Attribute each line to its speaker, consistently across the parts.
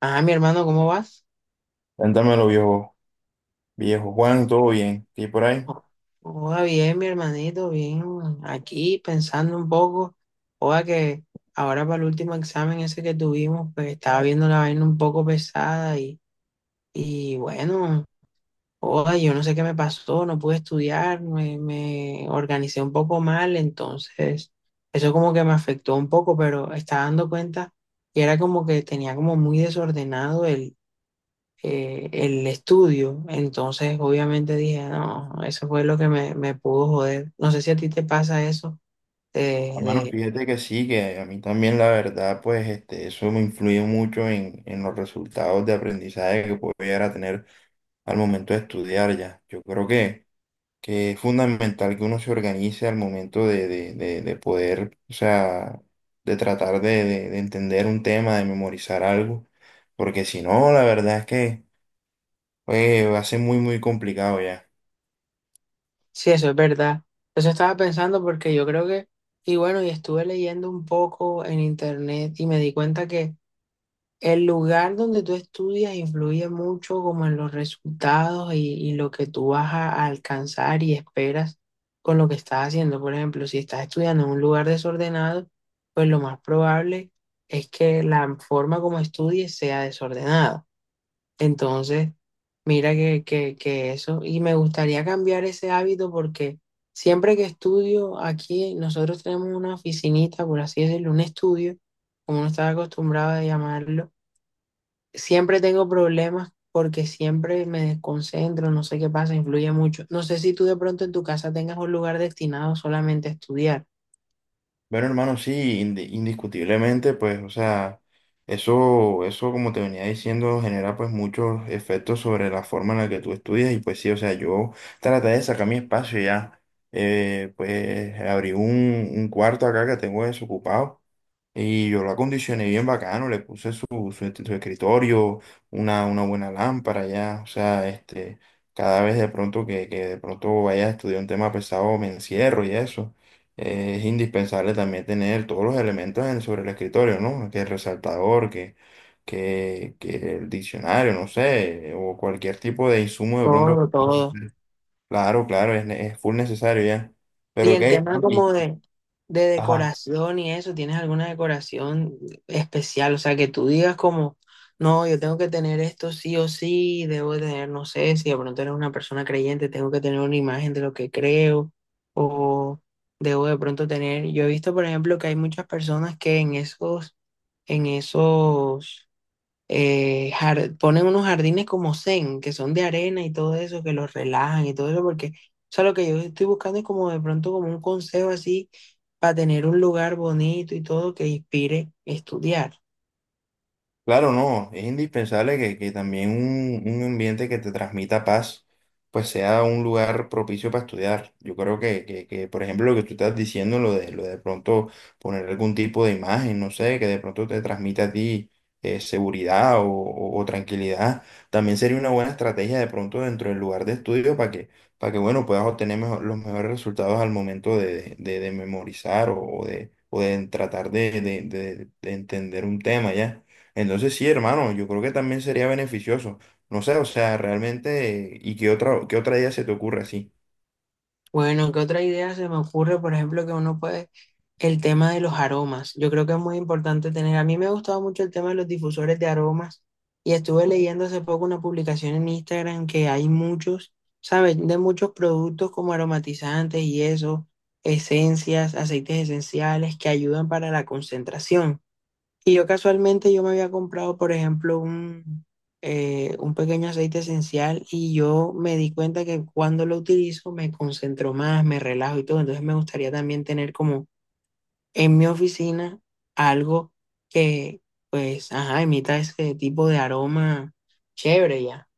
Speaker 1: Ah, mi hermano, ¿cómo vas?
Speaker 2: Cuéntamelo, viejo, viejo Juan, todo bien, ¿qué hay por ahí?
Speaker 1: Hola, bien, mi hermanito, bien. Aquí pensando un poco. Hola, que ahora para el último examen ese que tuvimos, pues estaba viendo la vaina un poco pesada y bueno, hola, yo no sé qué me pasó, no pude estudiar, me organicé un poco mal, entonces eso como que me afectó un poco, pero estaba dando cuenta y era como que tenía como muy desordenado, el estudio. Entonces, obviamente dije, no, eso fue lo que me pudo joder. No sé si a ti te pasa eso, de,
Speaker 2: Hermano,
Speaker 1: de-
Speaker 2: fíjate que sí, que a mí también la verdad, pues este, eso me influye mucho en los resultados de aprendizaje que puedo llegar a tener al momento de estudiar ya. Yo creo que es fundamental que uno se organice al momento de poder, o sea, de tratar de entender un tema, de memorizar algo, porque si no, la verdad es que pues, va a ser muy, muy complicado ya.
Speaker 1: sí, eso es verdad. Eso estaba pensando porque yo creo que, y bueno, y estuve leyendo un poco en internet y me di cuenta que el lugar donde tú estudias influye mucho como en los resultados y lo que tú vas a alcanzar y esperas con lo que estás haciendo. Por ejemplo, si estás estudiando en un lugar desordenado, pues lo más probable es que la forma como estudies sea desordenada. Entonces, mira que eso, y me gustaría cambiar ese hábito porque siempre que estudio aquí, nosotros tenemos una oficinita, por así decirlo, un estudio, como uno está acostumbrado a llamarlo. Siempre tengo problemas porque siempre me desconcentro, no sé qué pasa, influye mucho. No sé si tú de pronto en tu casa tengas un lugar destinado solamente a estudiar.
Speaker 2: Bueno, hermano, sí, indiscutiblemente, pues, o sea, eso, como te venía diciendo, genera pues muchos efectos sobre la forma en la que tú estudias y pues sí, o sea, yo traté de sacar mi espacio ya, pues abrí un cuarto acá que tengo desocupado y yo lo acondicioné bien bacano, le puse su escritorio, una buena lámpara ya, o sea, este, cada vez de pronto que de pronto vaya a estudiar un tema pesado me encierro y eso es indispensable también tener todos los elementos sobre el escritorio, ¿no? Que el resaltador, que el diccionario, no sé, o cualquier tipo de insumo de pronto.
Speaker 1: Todo, todo.
Speaker 2: Claro, claro, es, es full necesario ya.
Speaker 1: Y
Speaker 2: Pero ok,
Speaker 1: en temas
Speaker 2: Jorge, y-
Speaker 1: como de
Speaker 2: ajá.
Speaker 1: decoración y eso, ¿tienes alguna decoración especial? O sea, que tú digas como, no, yo tengo que tener esto sí o sí, debo de tener, no sé, si de pronto eres una persona creyente, tengo que tener una imagen de lo que creo o debo de pronto tener. Yo he visto, por ejemplo, que hay muchas personas que en esos en esos, ponen unos jardines como zen, que son de arena y todo eso, que los relajan y todo eso, porque, o sea, lo que yo estoy buscando es como de pronto como un consejo así para tener un lugar bonito y todo que inspire estudiar.
Speaker 2: Claro, no, es indispensable que también un ambiente que te transmita paz, pues sea un lugar propicio para estudiar. Yo creo que, por ejemplo, lo que tú estás diciendo, lo de pronto poner algún tipo de imagen, no sé, que de pronto te transmita a ti seguridad o tranquilidad, también sería una buena estrategia de pronto dentro del lugar de estudio para que bueno, puedas los mejores resultados al momento de memorizar o de tratar de entender un tema, ¿ya? Entonces sí, hermano, yo creo que también sería beneficioso. No sé, o sea, realmente, ¿y qué otra idea se te ocurre así?
Speaker 1: Bueno, ¿qué otra idea se me ocurre? Por ejemplo, que uno puede, el tema de los aromas. Yo creo que es muy importante tener, a mí me ha gustado mucho el tema de los difusores de aromas y estuve leyendo hace poco una publicación en Instagram que hay muchos, ¿sabes? De muchos productos como aromatizantes y eso, esencias, aceites esenciales que ayudan para la concentración. Y yo casualmente yo me había comprado, por ejemplo, un pequeño aceite esencial y yo me di cuenta que cuando lo utilizo me concentro más, me relajo y todo. Entonces me gustaría también tener como en mi oficina algo que, pues, ajá, emita ese tipo de aroma chévere ya.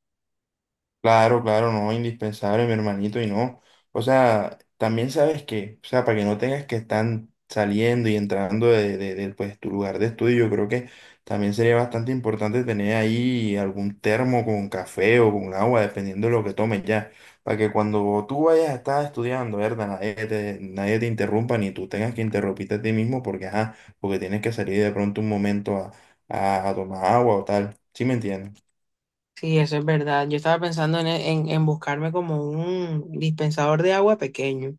Speaker 2: Claro, claro, no, indispensable, mi hermanito, y no. O sea, también sabes que, o sea, para que no tengas que estar saliendo y entrando pues, tu lugar de estudio, yo creo que también sería bastante importante tener ahí algún termo con café o con agua, dependiendo de lo que tomes ya, para que cuando tú vayas a estar estudiando, ¿verdad? Nadie te interrumpa, ni tú tengas que interrumpirte a ti mismo, porque, ajá, porque tienes que salir de pronto un momento a tomar agua o tal. ¿Sí me entiendes?
Speaker 1: Sí, eso es verdad. Yo estaba pensando en buscarme como un dispensador de agua pequeño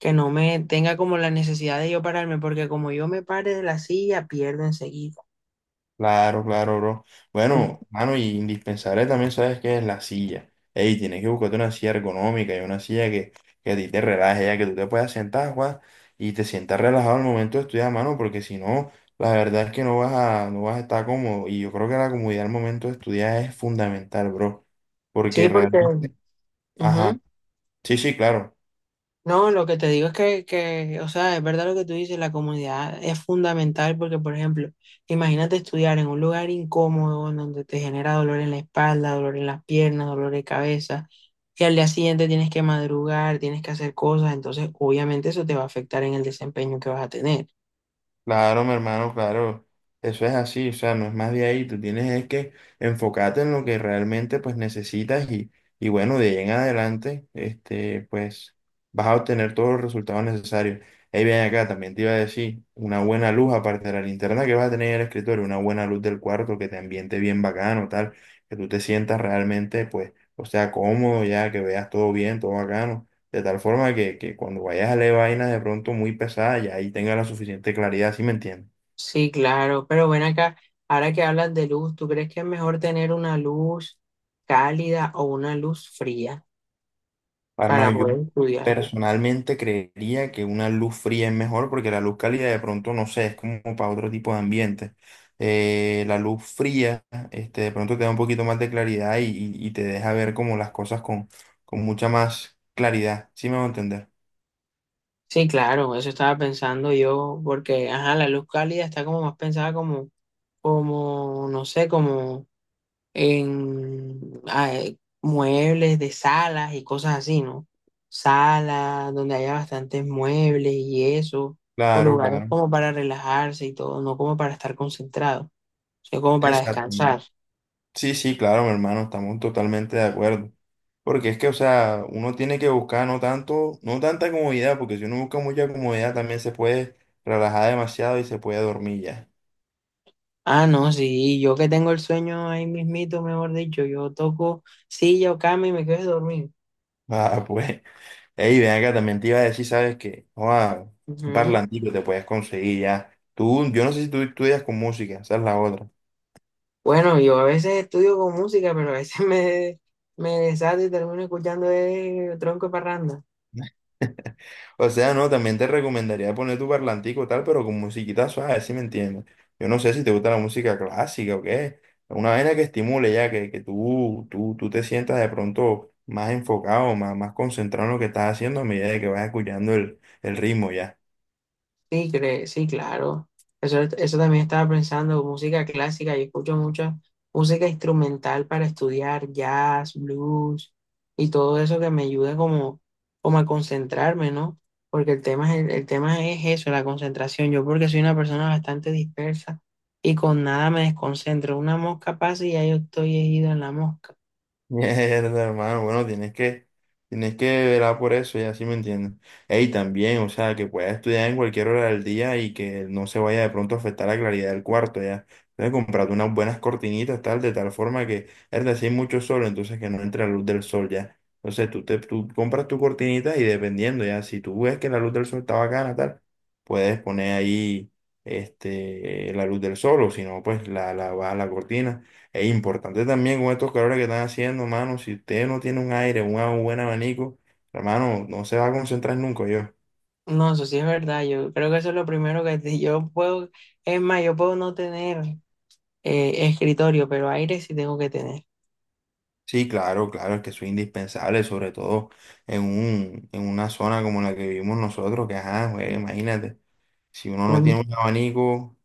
Speaker 1: que no me tenga como la necesidad de yo pararme, porque como yo me pare de la silla, pierdo enseguida.
Speaker 2: Claro, claro, bro.
Speaker 1: Mm,
Speaker 2: Bueno, mano, y indispensable también, ¿sabes qué es la silla? Ey, tienes que buscarte una silla ergonómica y una silla que a ti te relaje, ya que tú te puedas sentar, Juan, y te sientas relajado al momento de estudiar, mano, porque si no, la verdad es que no vas a estar cómodo. Y yo creo que la comodidad al momento de estudiar es fundamental, bro.
Speaker 1: sí,
Speaker 2: Porque
Speaker 1: porque,
Speaker 2: realmente, ajá,
Speaker 1: ujú.
Speaker 2: sí, sí, claro.
Speaker 1: No, lo que te digo es que, o sea, es verdad lo que tú dices, la comunidad es fundamental porque, por ejemplo, imagínate estudiar en un lugar incómodo en donde te genera dolor en la espalda, dolor en las piernas, dolor de cabeza, y al día siguiente tienes que madrugar, tienes que hacer cosas, entonces obviamente eso te va a afectar en el desempeño que vas a tener.
Speaker 2: Claro, mi hermano, claro. Eso es así, o sea, no es más de ahí. Tú tienes es que enfocarte en lo que realmente pues necesitas y bueno, de ahí en adelante, este, pues vas a obtener todos los resultados necesarios. Ahí bien acá, también te iba a decir, una buena luz aparte de la linterna que vas a tener en el escritorio, una buena luz del cuarto que te ambiente bien bacano, tal, que tú te sientas realmente, pues, o sea, cómodo ya, que veas todo bien, todo bacano. De tal forma que cuando vayas a leer vainas de pronto muy pesadas, ya ahí tengas la suficiente claridad, ¿sí me entiendes?
Speaker 1: Sí, claro, pero bueno, acá, ahora que hablas de luz, ¿tú crees que es mejor tener una luz cálida o una luz fría
Speaker 2: Ah, Hermano,
Speaker 1: para
Speaker 2: yo
Speaker 1: poder estudiar?
Speaker 2: personalmente creería que una luz fría es mejor porque la luz cálida de pronto, no sé, es como para otro tipo de ambiente. La luz fría, este, de pronto te da un poquito más de claridad y te deja ver como las cosas con mucha más claridad, ¿sí me va a entender?
Speaker 1: Sí, claro, eso estaba pensando yo, porque, ajá, la luz cálida está como más pensada como, como, no sé, como en muebles de salas y cosas así, ¿no? Salas donde haya bastantes muebles y eso, o
Speaker 2: Claro,
Speaker 1: lugares
Speaker 2: claro.
Speaker 1: como para relajarse y todo, no como para estar concentrado, sino como para
Speaker 2: Exacto.
Speaker 1: descansar.
Speaker 2: Sí, sí, claro, mi hermano, estamos totalmente de acuerdo. Porque es que, o sea, uno tiene que buscar no tanto, no tanta comodidad, porque si uno busca mucha comodidad también se puede relajar demasiado y se puede dormir ya.
Speaker 1: Ah, no, sí, yo que tengo el sueño ahí mismito, mejor dicho, yo toco silla o cama y me quedo dormido.
Speaker 2: Ah, pues, ey, ven acá, también te iba a decir, ¿sabes qué? Joa, un
Speaker 1: Ujú.
Speaker 2: parlantico te puedes conseguir ya. Tú, yo no sé si tú estudias con música, esa es la otra.
Speaker 1: Bueno, yo a veces estudio con música, pero a veces me desato y termino escuchando tronco de parranda.
Speaker 2: O sea, no, también te recomendaría poner tu parlantico y tal, pero con musiquita suave, si me entiendes. Yo no sé si te gusta la música clásica o qué. Una vaina que estimule ya, que tú te sientas de pronto más enfocado, más, más concentrado en lo que estás haciendo a medida de que vas escuchando el ritmo ya.
Speaker 1: Sí, claro. Eso también estaba pensando, música clásica. Yo escucho mucha música instrumental para estudiar, jazz, blues y todo eso que me ayude como, como a concentrarme, ¿no? Porque el tema, es el tema es eso, la concentración. Yo porque soy una persona bastante dispersa y con nada me desconcentro. Una mosca pasa y ya yo estoy ido en la mosca.
Speaker 2: Mierda, hermano, bueno, tienes que velar por eso, ya sí me entiendes. Ey, también, o sea, que pueda estudiar en cualquier hora del día y que no se vaya de pronto a afectar la claridad del cuarto, ya. Entonces, comprarte unas buenas cortinitas, tal, de tal forma que, es decir, mucho sol, entonces que no entre la luz del sol, ya. Entonces, tú compras tu cortinita y dependiendo, ya, si tú ves que la luz del sol está bacana, tal, puedes poner ahí, este, la luz del sol, o si no, pues baja la cortina. Es importante también con estos calores que están haciendo, mano. Si usted no tiene un aire, un buen abanico, hermano, no se va a concentrar nunca yo.
Speaker 1: No, eso sí es verdad. Yo creo que eso es lo primero que te- yo puedo. Es más, yo puedo no tener escritorio, pero aire sí tengo que tener.
Speaker 2: Sí, claro, claro, es que eso es indispensable, sobre todo en en una zona como la que vivimos nosotros, que ajá, güey, imagínate. Si uno no
Speaker 1: Mm,
Speaker 2: tiene un abanico,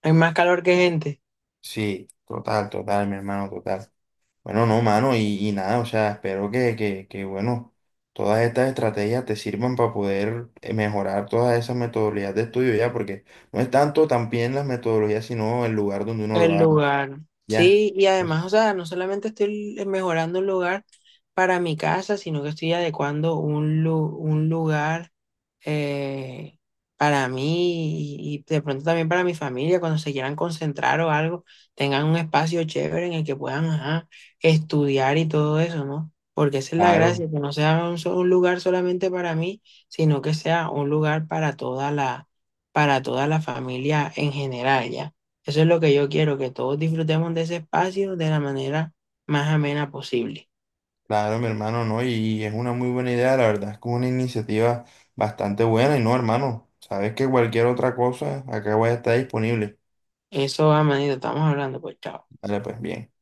Speaker 1: hay más calor que gente.
Speaker 2: sí, total, total, mi hermano, total. Bueno, no, mano, y nada, o sea, espero que, bueno, todas estas estrategias te sirvan para poder mejorar todas esas metodologías de estudio ya, porque no es tanto también las metodologías, sino el lugar donde uno lo
Speaker 1: El
Speaker 2: haga,
Speaker 1: lugar.
Speaker 2: ya.
Speaker 1: Sí, y
Speaker 2: Pues,
Speaker 1: además, o sea, no solamente estoy mejorando un lugar para mi casa, sino que estoy adecuando un, lu- un lugar, eh, para mí y de pronto también para mi familia, cuando se quieran concentrar o algo, tengan un espacio chévere en el que puedan ajá, estudiar y todo eso, ¿no? Porque esa es la
Speaker 2: claro,
Speaker 1: gracia, que no sea un, so- un lugar solamente para mí, sino que sea un lugar para toda la familia en general, ¿ya? Eso es lo que yo quiero, que todos disfrutemos de ese espacio de la manera más amena posible.
Speaker 2: claro, mi hermano, no, y es una muy buena idea, la verdad es que es una iniciativa bastante buena, y no, hermano, sabes que cualquier otra cosa, acá voy a estar disponible.
Speaker 1: Eso, amanito, estamos hablando, pues chao.
Speaker 2: Vale, pues bien.